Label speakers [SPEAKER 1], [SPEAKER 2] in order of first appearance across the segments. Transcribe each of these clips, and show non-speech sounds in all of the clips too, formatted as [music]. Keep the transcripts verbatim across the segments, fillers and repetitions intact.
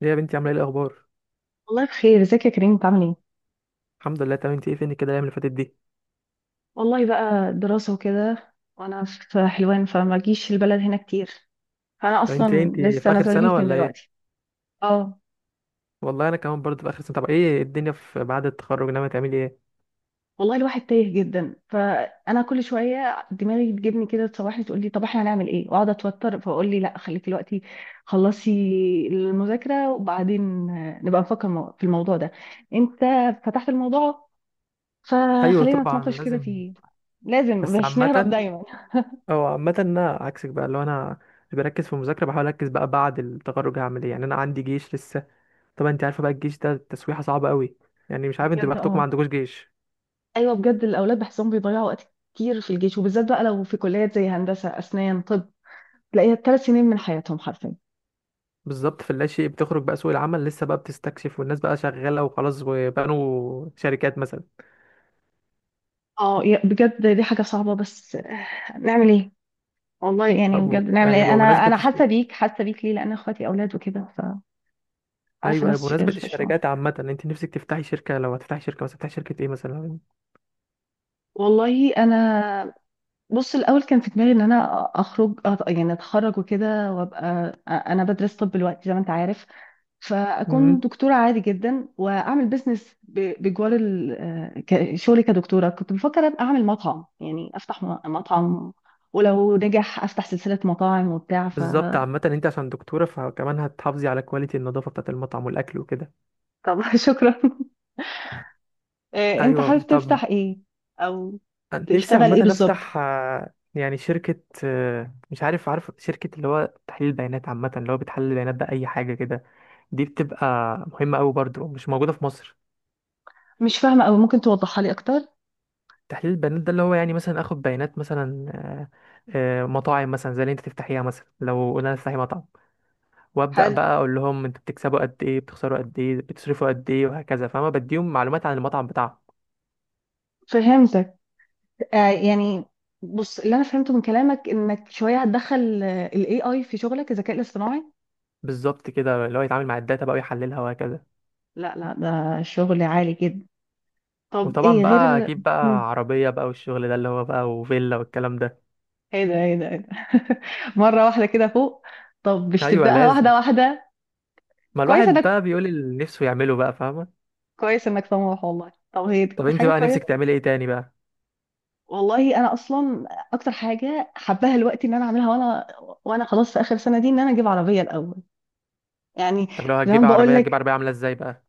[SPEAKER 1] ليه يا بنتي، عامله ايه؟ الاخبار؟
[SPEAKER 2] والله بخير، ازيك يا كريم؟ بتعمل ايه؟
[SPEAKER 1] الحمد لله تمام. انت ايه؟ فين كده الايام اللي فاتت دي؟
[SPEAKER 2] والله بقى دراسة وكده، وانا في حلوان فما جيش البلد هنا كتير. فانا
[SPEAKER 1] طب انت ايه،
[SPEAKER 2] اصلا
[SPEAKER 1] انت في
[SPEAKER 2] لسه
[SPEAKER 1] اخر
[SPEAKER 2] نازله
[SPEAKER 1] سنه
[SPEAKER 2] الويكند
[SPEAKER 1] ولا ايه؟
[SPEAKER 2] دلوقتي. اه.
[SPEAKER 1] والله انا كمان برضه في اخر سنه. طب ايه الدنيا في بعد التخرج؟ ناويه تعملي ايه؟
[SPEAKER 2] والله الواحد تايه جدا، فانا كل شويه دماغي تجيبني كده، تصوحني، تقول لي طب احنا هنعمل ايه، واقعد اتوتر، فاقول لي لا خليك دلوقتي، خلصي المذاكره وبعدين آه، نبقى نفكر مو- في الموضوع ده. انت فتحت الموضوع
[SPEAKER 1] ايوه
[SPEAKER 2] فخلينا
[SPEAKER 1] طبعا
[SPEAKER 2] نتناقش كده
[SPEAKER 1] لازم.
[SPEAKER 2] فيه. لازم
[SPEAKER 1] بس
[SPEAKER 2] مش نهرب
[SPEAKER 1] عامه
[SPEAKER 2] دايما.
[SPEAKER 1] او عامه انا عكسك بقى، لو انا اللي بركز في المذاكره بحاول اركز بقى بعد التخرج هعمل ايه. يعني انا عندي جيش لسه. طبعا انت عارفه بقى الجيش ده تسويحه صعبه قوي. يعني مش عارف، انتوا
[SPEAKER 2] بجد،
[SPEAKER 1] بختكم ما
[SPEAKER 2] اه.
[SPEAKER 1] عندكوش جيش.
[SPEAKER 2] ايوه بجد، الاولاد بحسهم بيضيعوا وقت كتير في الجيش، وبالذات بقى لو في كليات زي هندسه اسنان طب، تلاقيها ثلاث سنين من حياتهم حرفيا.
[SPEAKER 1] بالظبط، في اللاشيء بتخرج بقى، سوق العمل لسه بقى بتستكشف، والناس بقى شغاله وخلاص وبنوا شركات مثلا.
[SPEAKER 2] اه، يا- بجد دي حاجه صعبه، بس آه، نعمل ايه؟ والله يعني بجد
[SPEAKER 1] أبو-
[SPEAKER 2] نعمل
[SPEAKER 1] يعني
[SPEAKER 2] ايه؟ انا
[SPEAKER 1] بمناسبة،
[SPEAKER 2] انا حاسه بيك، حاسه بيك، ليه؟ لان اخواتي اولاد وكده. فعارفه
[SPEAKER 1] ايوه ايوه،
[SPEAKER 2] نفس الش-
[SPEAKER 1] بمناسبه
[SPEAKER 2] الشعور.
[SPEAKER 1] الشركات عامه انت نفسك تفتحي شركه؟ لو هتفتحي شركه، بس هتفتحي شركه ايه مثلا؟
[SPEAKER 2] والله انا، بص، الاول كان في دماغي ان انا اخرج أت- يعني اتخرج وكده وابقى، انا بدرس طب دلوقتي زي ما انت عارف، فاكون
[SPEAKER 1] امم.
[SPEAKER 2] دكتوره عادي جدا، واعمل بيزنس ب- بجوار ال- آه، ك- شغلي كدكتوره. كنت بفكر ابقى اعمل مطعم، يعني افتح م- مطعم، ولو نجح افتح سلسله مطاعم وبتاع ف
[SPEAKER 1] بالظبط، عامه انت عشان دكتوره فكمان هتحافظي على كواليتي النظافه بتاعه المطعم والاكل وكده.
[SPEAKER 2] طب [laughs] شكرا. آه، انت
[SPEAKER 1] ايوه.
[SPEAKER 2] حابب
[SPEAKER 1] طب
[SPEAKER 2] تفتح ايه، او
[SPEAKER 1] نفسي
[SPEAKER 2] تشتغل ايه
[SPEAKER 1] عامه
[SPEAKER 2] بالظبط؟
[SPEAKER 1] افتح، آه، يعني شركه، آه، مش عارف عارف شركه اللي هو تحليل بيانات عامه، اللي هو بتحلل البيانات باي حاجه كده. دي بتبقى مهمه قوي برضو، مش موجوده في مصر.
[SPEAKER 2] مش فاهمه، او ممكن توضحها لي اكتر؟
[SPEAKER 1] تحليل البيانات ده اللي هو يعني مثلا اخد بيانات مثلا، آه، آه، مطاعم مثلا زي اللي انت تفتحيها، مثلا لو قلنا تفتحي مطعم، وابدا
[SPEAKER 2] حلو،
[SPEAKER 1] بقى اقول لهم انتوا بتكسبوا قد ايه، بتخسروا قد ايه، بتصرفوا قد ايه، وهكذا، فاهمه؟ بديهم معلومات عن المطعم بتاعهم.
[SPEAKER 2] فهمتك. آه، يعني، بص، اللي انا فهمته من كلامك انك شويه هتدخل الاي اي في شغلك، الذكاء الاصطناعي.
[SPEAKER 1] بالظبط كده، اللي هو يتعامل مع الداتا بقى ويحللها وهكذا.
[SPEAKER 2] لا، لا، ده شغل عالي جدا. طب
[SPEAKER 1] وطبعا
[SPEAKER 2] ايه
[SPEAKER 1] بقى
[SPEAKER 2] غير؟
[SPEAKER 1] اجيب
[SPEAKER 2] مم.
[SPEAKER 1] بقى عربيه بقى، والشغل ده اللي هو بقى، وفيلا والكلام ده.
[SPEAKER 2] ايه ده؟ ايه ده؟ ايه ده؟ [laughs] مرة واحدة كده فوق؟ طب مش
[SPEAKER 1] ايوه
[SPEAKER 2] تبدأها
[SPEAKER 1] لازم،
[SPEAKER 2] واحدة واحدة؟
[SPEAKER 1] ما
[SPEAKER 2] كويس
[SPEAKER 1] الواحد
[SPEAKER 2] انك
[SPEAKER 1] بقى بيقول اللي نفسه يعمله بقى، فاهمه؟
[SPEAKER 2] كويس انك طموح والله. طب هي دي
[SPEAKER 1] طب انت
[SPEAKER 2] حاجة
[SPEAKER 1] بقى نفسك
[SPEAKER 2] كويسة.
[SPEAKER 1] تعملي ايه تاني بقى؟
[SPEAKER 2] والله انا اصلا، اكتر حاجة حباها الوقت ان انا اعملها وانا وانا خلاص في اخر سنة دي، ان انا اجيب عربية الاول يعني.
[SPEAKER 1] طب لو
[SPEAKER 2] زي ما
[SPEAKER 1] هتجيبي
[SPEAKER 2] بقول
[SPEAKER 1] عربيه، هتجيب
[SPEAKER 2] لك،
[SPEAKER 1] عربيه عامله ازاي بقى؟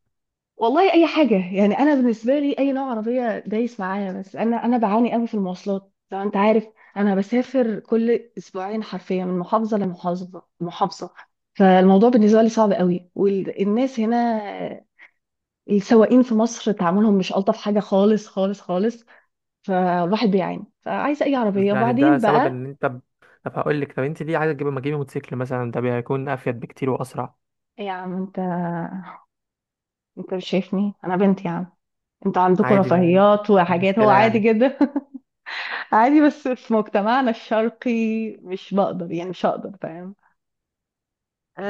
[SPEAKER 2] والله اي حاجه، يعني انا بالنسبه لي اي نوع عربيه دايس معايا، بس انا انا بعاني قوي في المواصلات لو انت عارف. انا بسافر كل اسبوعين حرفيا، من محافظه لمحافظه محافظه فالموضوع بالنسبه لي صعب قوي، والناس هنا، السواقين في مصر تعاملهم مش الطف حاجه، خالص خالص خالص. فالواحد بيعاني، فعايزه اي
[SPEAKER 1] بس
[SPEAKER 2] عربيه
[SPEAKER 1] يعني ده
[SPEAKER 2] وبعدين
[SPEAKER 1] سبب
[SPEAKER 2] بقى.
[SPEAKER 1] ان انت ب... طب هقول لك، طب انت ليه عايزه تجيبي؟ ما تجيبي موتوسيكل مثلا، ده بيكون افيد بكتير واسرع.
[SPEAKER 2] إيه يا عم انت انت مش شايفني انا بنت يا عم؟ انتوا عندكم
[SPEAKER 1] عادي، ما
[SPEAKER 2] رفاهيات
[SPEAKER 1] مش
[SPEAKER 2] وحاجات، هو
[SPEAKER 1] مشكله
[SPEAKER 2] عادي
[SPEAKER 1] يعني.
[SPEAKER 2] جدا [laughs] عادي، بس في مجتمعنا الشرقي مش بقدر، يعني مش هقدر، فاهم؟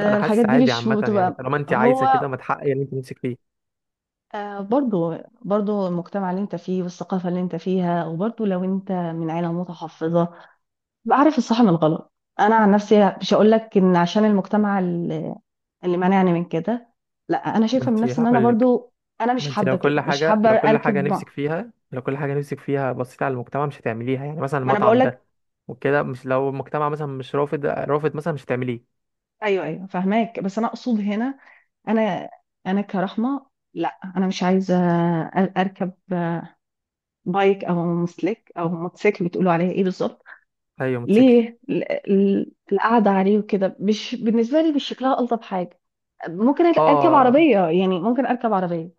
[SPEAKER 1] لا انا
[SPEAKER 2] الحاجات
[SPEAKER 1] حاسس
[SPEAKER 2] دي
[SPEAKER 1] عادي
[SPEAKER 2] مش
[SPEAKER 1] عامه، يعني
[SPEAKER 2] بتبقى.
[SPEAKER 1] طالما انت عايزه
[SPEAKER 2] هو
[SPEAKER 1] كده ما تحققي اللي انت نفسك فيه.
[SPEAKER 2] آه، برضو، برضو المجتمع اللي انت فيه، والثقافة اللي انت فيها، وبرضو لو انت من عيلة متحفظة. بعرف الصح من الغلط. انا عن نفسي مش هقول لك ان عشان المجتمع اللي اللي مانعني من كده. لا، انا
[SPEAKER 1] ما
[SPEAKER 2] شايفة من
[SPEAKER 1] انت
[SPEAKER 2] نفسي ان انا
[SPEAKER 1] هقول لك،
[SPEAKER 2] برضو، انا مش
[SPEAKER 1] ما انت
[SPEAKER 2] حابة
[SPEAKER 1] لو كل
[SPEAKER 2] كده، مش
[SPEAKER 1] حاجه،
[SPEAKER 2] حابة
[SPEAKER 1] لو كل حاجه
[SPEAKER 2] اركب مع-
[SPEAKER 1] نفسك فيها، لو كل حاجه نفسك فيها بصيت على المجتمع مش هتعمليها، يعني مثلا
[SPEAKER 2] ما انا بقول
[SPEAKER 1] المطعم
[SPEAKER 2] لك.
[SPEAKER 1] ده وكده، مش لو المجتمع مثلا مش رافض رافض مثلا مش هتعمليه.
[SPEAKER 2] ايوه، ايوه، فاهماك، بس انا اقصد هنا، انا انا كرحمه، لا، انا مش عايزه أ- اركب بايك او مسلك او موتوسيكل، بتقولوا عليها ايه بالظبط؟
[SPEAKER 1] ايوه موتوسيكل.
[SPEAKER 2] ليه ال- ال- القعده عليه وكده مش بالنسبه لي، مش شكلها الطف حاجه. ممكن اركب
[SPEAKER 1] اه،
[SPEAKER 2] عربيه، يعني ممكن اركب عربيه.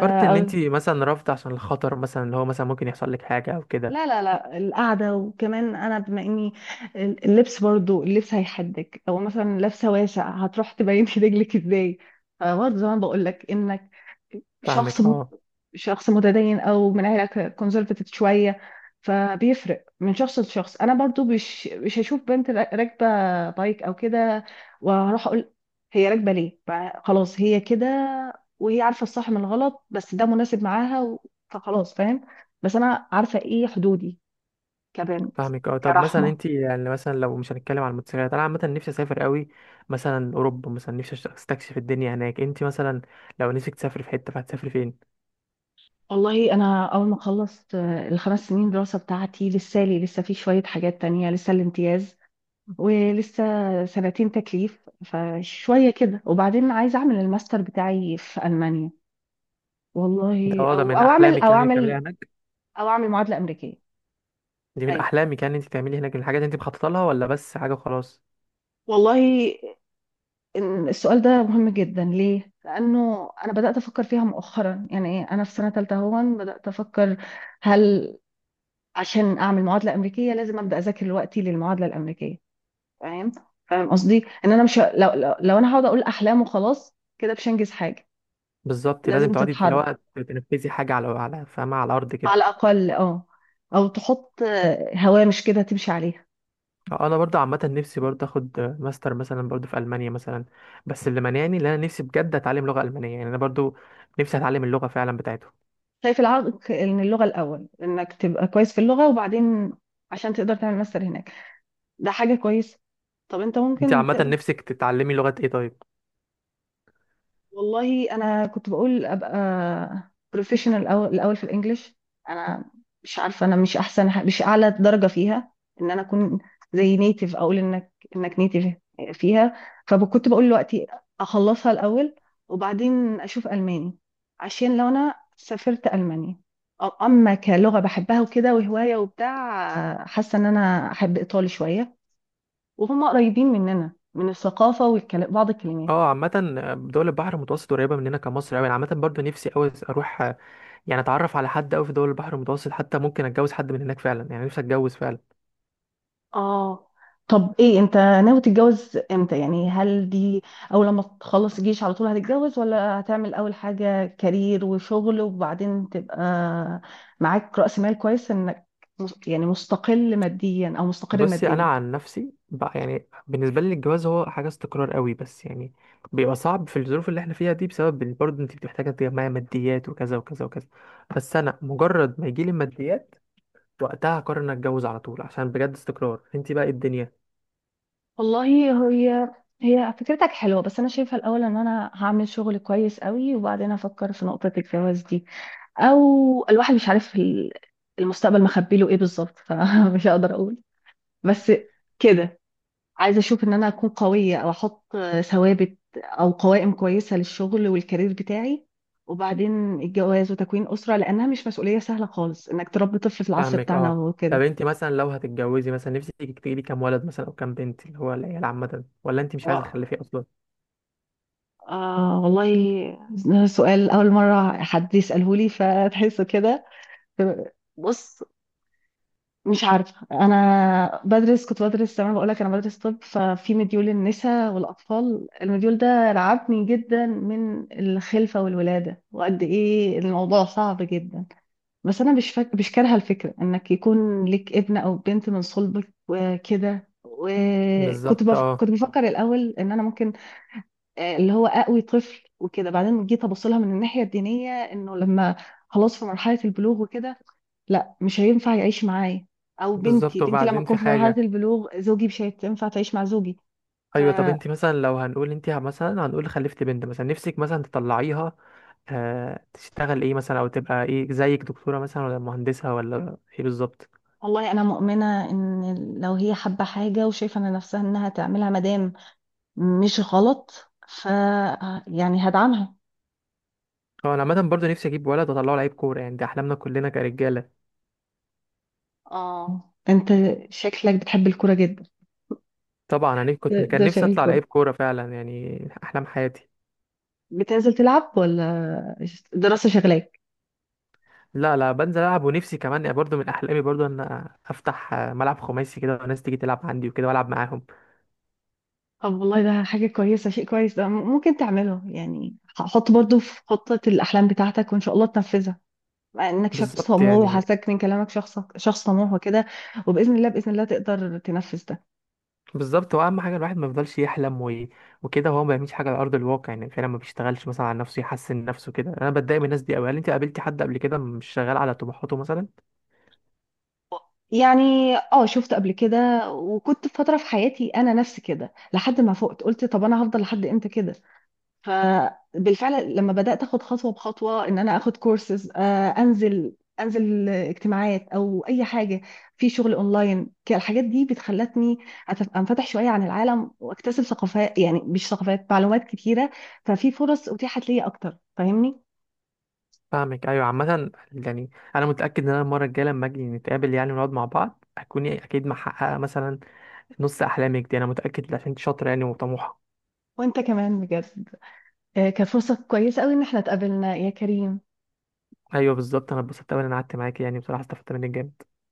[SPEAKER 2] آه،
[SPEAKER 1] ان
[SPEAKER 2] أو،
[SPEAKER 1] انت مثلا رافضه عشان الخطر مثلا، اللي هو مثلا ممكن يحصل لك حاجه او كده.
[SPEAKER 2] لا، لا، لا، القعده، وكمان انا بما اني، اللبس برضو، اللبس هيحدك لو مثلا لابسه واسع هتروح تبين [laughs] في رجلك ازاي. فبرضه زي ما بقول لك، انك
[SPEAKER 1] فاهمك
[SPEAKER 2] شخص مت...
[SPEAKER 1] اه.
[SPEAKER 2] شخص متدين او من عيله كونسرفتيف شويه. فبيفرق من شخص لشخص، انا برضو مش مش هشوف بنت را- راكبه بايك او كده واروح اقول هي راكبه ليه؟ ف- خلاص هي كده، وهي عارفه الصح من الغلط، بس ده مناسب معاها و... فخلاص فاهم. بس انا عارفه ايه حدودي كبنت.
[SPEAKER 1] فاهمك اه. طب مثلا
[SPEAKER 2] كرحمه،
[SPEAKER 1] انت يعني مثلا لو مش هنتكلم عن الموتوسيكلات، انا عامه نفسي اسافر قوي، مثلا اوروبا مثلا، نفسي أشت- استكشف الدنيا هناك. انت مثلا لو نفسك تسافري في حته فهتسافري فين؟
[SPEAKER 2] والله انا اول ما خلصت، آه، الخمس سنين دراسه بتاعتي، لسه لي لسه في شويه حاجات تانية، لسه الامتياز، ولسه سنتين تكليف، فشوية كده وبعدين عايزة أعمل الماستر بتاعي في ألمانيا.
[SPEAKER 1] ده
[SPEAKER 2] والله،
[SPEAKER 1] اه، ده
[SPEAKER 2] أو
[SPEAKER 1] من
[SPEAKER 2] أو أعمل
[SPEAKER 1] احلامك،
[SPEAKER 2] أو
[SPEAKER 1] يعني إنك
[SPEAKER 2] أعمل
[SPEAKER 1] تعمليها هناك؟
[SPEAKER 2] أو أعمل معادلة أمريكية.
[SPEAKER 1] دي من
[SPEAKER 2] أيوة.
[SPEAKER 1] احلامك يعني انت تعملي هناك، من الحاجات اللي انت مخططه لها ولا بس حاجه خلاص؟
[SPEAKER 2] والله إن السؤال ده مهم جدا. ليه؟ لأنه أنا بدأت أفكر فيها مؤخرا، يعني إيه، أنا في سنة تالتة هون بدأت أفكر، هل عشان أعمل معادلة أمريكية لازم أبدأ أذاكر دلوقتي للمعادلة الأمريكيه؟ فاهم؟ فاهم قصدي؟ إن أنا مش لو لو, لو أنا هقعد أقول أحلام وخلاص كده مش هنجز حاجة.
[SPEAKER 1] بالظبط لازم
[SPEAKER 2] لازم
[SPEAKER 1] تقعدي اللي
[SPEAKER 2] تتحرك
[SPEAKER 1] هو تنفذي حاجه على على فاهمه، على الارض
[SPEAKER 2] على
[SPEAKER 1] كده.
[SPEAKER 2] الأقل، اه، أو تحط آه، هوامش كده تمشي عليها.
[SPEAKER 1] انا برضه عامه نفسي برضه اخد ماستر مثلا برضه في المانيا مثلا، بس اللي مانعني ان انا نفسي بجد اتعلم لغه المانيه. يعني انا برضه نفسي اتعلم اللغه فعلا بتاعتهم.
[SPEAKER 2] شايف العائق إن اللغة الأول، إنك تبقى كويس في اللغة وبعدين عشان تقدر تعمل ماستر هناك، ده حاجة كويسة. طب أنت
[SPEAKER 1] انت
[SPEAKER 2] ممكن
[SPEAKER 1] عامة
[SPEAKER 2] تقدر.
[SPEAKER 1] نفسك تتعلمي لغة ايه طيب؟
[SPEAKER 2] والله انا كنت بقول ابقى بروفيشنال الاول الأول في الانجليش. انا مش عارفه، انا مش احسن ح- مش اعلى درجه فيها، ان انا اكون زي نيتيف، اقول انك انك نيتيف فيها. فكنت بقول دلوقتي اخلصها الاول، وبعدين اشوف الماني، عشان لو انا سافرت المانيا، أ- اما كلغه بحبها وكده وهوايه وبتاع، حاسه ان انا احب ايطالي شويه، وهم قريبين مننا من الثقافه وبعض الكلمات.
[SPEAKER 1] اه عامة، دول البحر المتوسط قريبة مننا كمصر اوي. انا عامة برضو نفسي اوي اروح، آه، يعني اتعرف على حد اوي في دول البحر المتوسط، حتى ممكن اتجوز حد من هناك فعلا. يعني نفسي اتجوز فعلا.
[SPEAKER 2] اه، طب ايه انت ناوي تتجوز امتى يعني؟ هل دي، اول لما تخلص الجيش على طول هتتجوز، ولا هتعمل اول حاجة كارير وشغل وبعدين تبقى معاك رأس مال كويس، انك مس- يعني مستقل ماديا او مستقر
[SPEAKER 1] بصي، انا
[SPEAKER 2] ماديا؟
[SPEAKER 1] عن نفسي بقى يعني، بالنسبة لي الجواز هو حاجة استقرار اوي، بس يعني بيبقى صعب في الظروف اللي احنا فيها دي، بسبب إن برضو انت بتبقى محتاجة تجمعي ماديات، وكذا وكذا وكذا. بس انا مجرد ما يجيلي الماديات، وقتها هقرر ان اتجوز على طول، عشان بجد استقرار، انت بقى إيه الدنيا.
[SPEAKER 2] والله، هي هي فكرتك حلوة، بس أنا شايفة الأول إن أنا هعمل شغل كويس قوي وبعدين أفكر في نقطة الجواز دي. أو، الواحد مش عارف ال- المستقبل مخبيله إيه بالظبط [laughs] فمش هقدر أقول. بس كده عايزه اشوف ان انا اكون قويه، او احط ثوابت او قوائم كويسه للشغل والكارير بتاعي، وبعدين الجواز وتكوين اسره، لانها مش مسؤوليه سهله خالص انك تربي طفل في العصر
[SPEAKER 1] فاهمك
[SPEAKER 2] بتاعنا
[SPEAKER 1] اه. طب
[SPEAKER 2] وكده.
[SPEAKER 1] انت مثلا لو هتتجوزي مثلا، نفسك تجيبي كام ولد مثلا او كام بنت، اللي هو العيال عامه، ولا انت مش عايزه
[SPEAKER 2] و-
[SPEAKER 1] تخلفي اصلا؟
[SPEAKER 2] آه والله ده سؤال اول مره حد يساله لي، فتحسه كده. بص، مش عارفة، أنا بدرس كنت بدرس زي ما بقولك، أنا بدرس طب، ففي مديول النساء والأطفال، المديول ده رعبني جدا من الخلفة والولادة وقد إيه الموضوع صعب جدا. بس أنا مش فاك... مش كارهة الفكرة إنك يكون لك ابن أو بنت من صلبك وكده، وكنت
[SPEAKER 1] بالظبط
[SPEAKER 2] بف...
[SPEAKER 1] اه.
[SPEAKER 2] كنت بفكر الأول إن أنا ممكن آه، اللي هو اقوي طفل وكده، بعدين جيت ابص لها من الناحيه الدينيه، انه لما خلاص في مرحله البلوغ وكده، لا مش هينفع يعيش معايا، او بنتي،
[SPEAKER 1] بالظبط،
[SPEAKER 2] بنتي لما
[SPEAKER 1] وبعدين
[SPEAKER 2] تكون
[SPEAKER 1] في
[SPEAKER 2] في مرحله
[SPEAKER 1] حاجه.
[SPEAKER 2] البلوغ زوجي مش هينفع تعيش مع زوجي ف
[SPEAKER 1] ايوه. طب انت مثلا لو هنقول انت مثلا هنقول خلفت بنت مثلا، نفسك مثلا تطلعيها آه تشتغل ايه مثلا، او تبقى ايه زيك، دكتوره مثلا ولا مهندسه ولا ايه بالظبط؟
[SPEAKER 2] والله انا مؤمنه ان لو هي حابه حاجه وشايفه ان نفسها انها تعملها، مادام مش غلط، ف يعني هدعمها.
[SPEAKER 1] هو انا عامه برضه نفسي اجيب ولد واطلعه لعيب كوره، يعني دي احلامنا كلنا كرجاله.
[SPEAKER 2] اه، انت شكلك بتحب الكوره جدا.
[SPEAKER 1] طبعا انا
[SPEAKER 2] ده
[SPEAKER 1] كنت، كان
[SPEAKER 2] ده
[SPEAKER 1] نفسي
[SPEAKER 2] شغل
[SPEAKER 1] اطلع
[SPEAKER 2] الكوره،
[SPEAKER 1] لعيب كوره فعلا، يعني احلام حياتي.
[SPEAKER 2] بتنزل تلعب، ولا دراسه شغلاك؟
[SPEAKER 1] لا لا، بنزل العب، ونفسي كمان يعني برضو من احلامي برضو ان افتح ملعب خماسي كده، وناس تيجي تلعب عندي وكده والعب معاهم.
[SPEAKER 2] طب والله، ده حاجة كويسة، شيء كويس، ده م- ممكن تعمله يعني. حط برضو في خطة الأحلام بتاعتك وإن شاء الله تنفذها، مع إنك شخص
[SPEAKER 1] بالظبط
[SPEAKER 2] طموح،
[SPEAKER 1] يعني.
[SPEAKER 2] وحاسك من كلامك شخص شخص طموح وكده. وبإذن الله، بإذن الله تقدر تنفذ ده.
[SPEAKER 1] بالظبط، هو اهم حاجه الواحد ما يفضلش يحلم و... وكده، وهو ما بيعملش حاجه على ارض الواقع، يعني فعلا ما بيشتغلش مثلا على نفسه يحسن نفسه كده. انا بتضايق من الناس دي قوي. هل انت قابلتي حد قبل كده مش شغال على طموحاته مثلا؟
[SPEAKER 2] يعني اه، شفت قبل كده، وكنت في فترة في حياتي أنا نفسي كده، لحد ما فقت قلت طب أنا هفضل لحد إمتى كده؟ فبالفعل لما بدأت اخد خطوة بخطوة، ان انا اخد كورسز، انزل انزل اجتماعات او اي حاجة، في شغل اونلاين، ك- الحاجات دي بتخلتني أتف- انفتح شوية عن العالم، واكتسب ثقافات، يعني مش ثقافات، معلومات كتيرة. ففي فرص اتيحت لي اكتر، فاهمني؟
[SPEAKER 1] فاهمك ايوه. عامه يعني، انا متاكد ان انا المره الجايه لما اجي نتقابل، يعني ونقعد مع بعض، هتكوني اكيد محققه مثلا نص احلامك دي، انا متاكد عشان انت شاطره يعني وطموحه.
[SPEAKER 2] وانت كمان بجد، آه، كانت فرصة كويسة قوي ان احنا اتقابلنا يا كريم.
[SPEAKER 1] ايوه بالظبط، انا اتبسطت أوي ان انا قعدت معاك، يعني بصراحه استفدت منك جامد.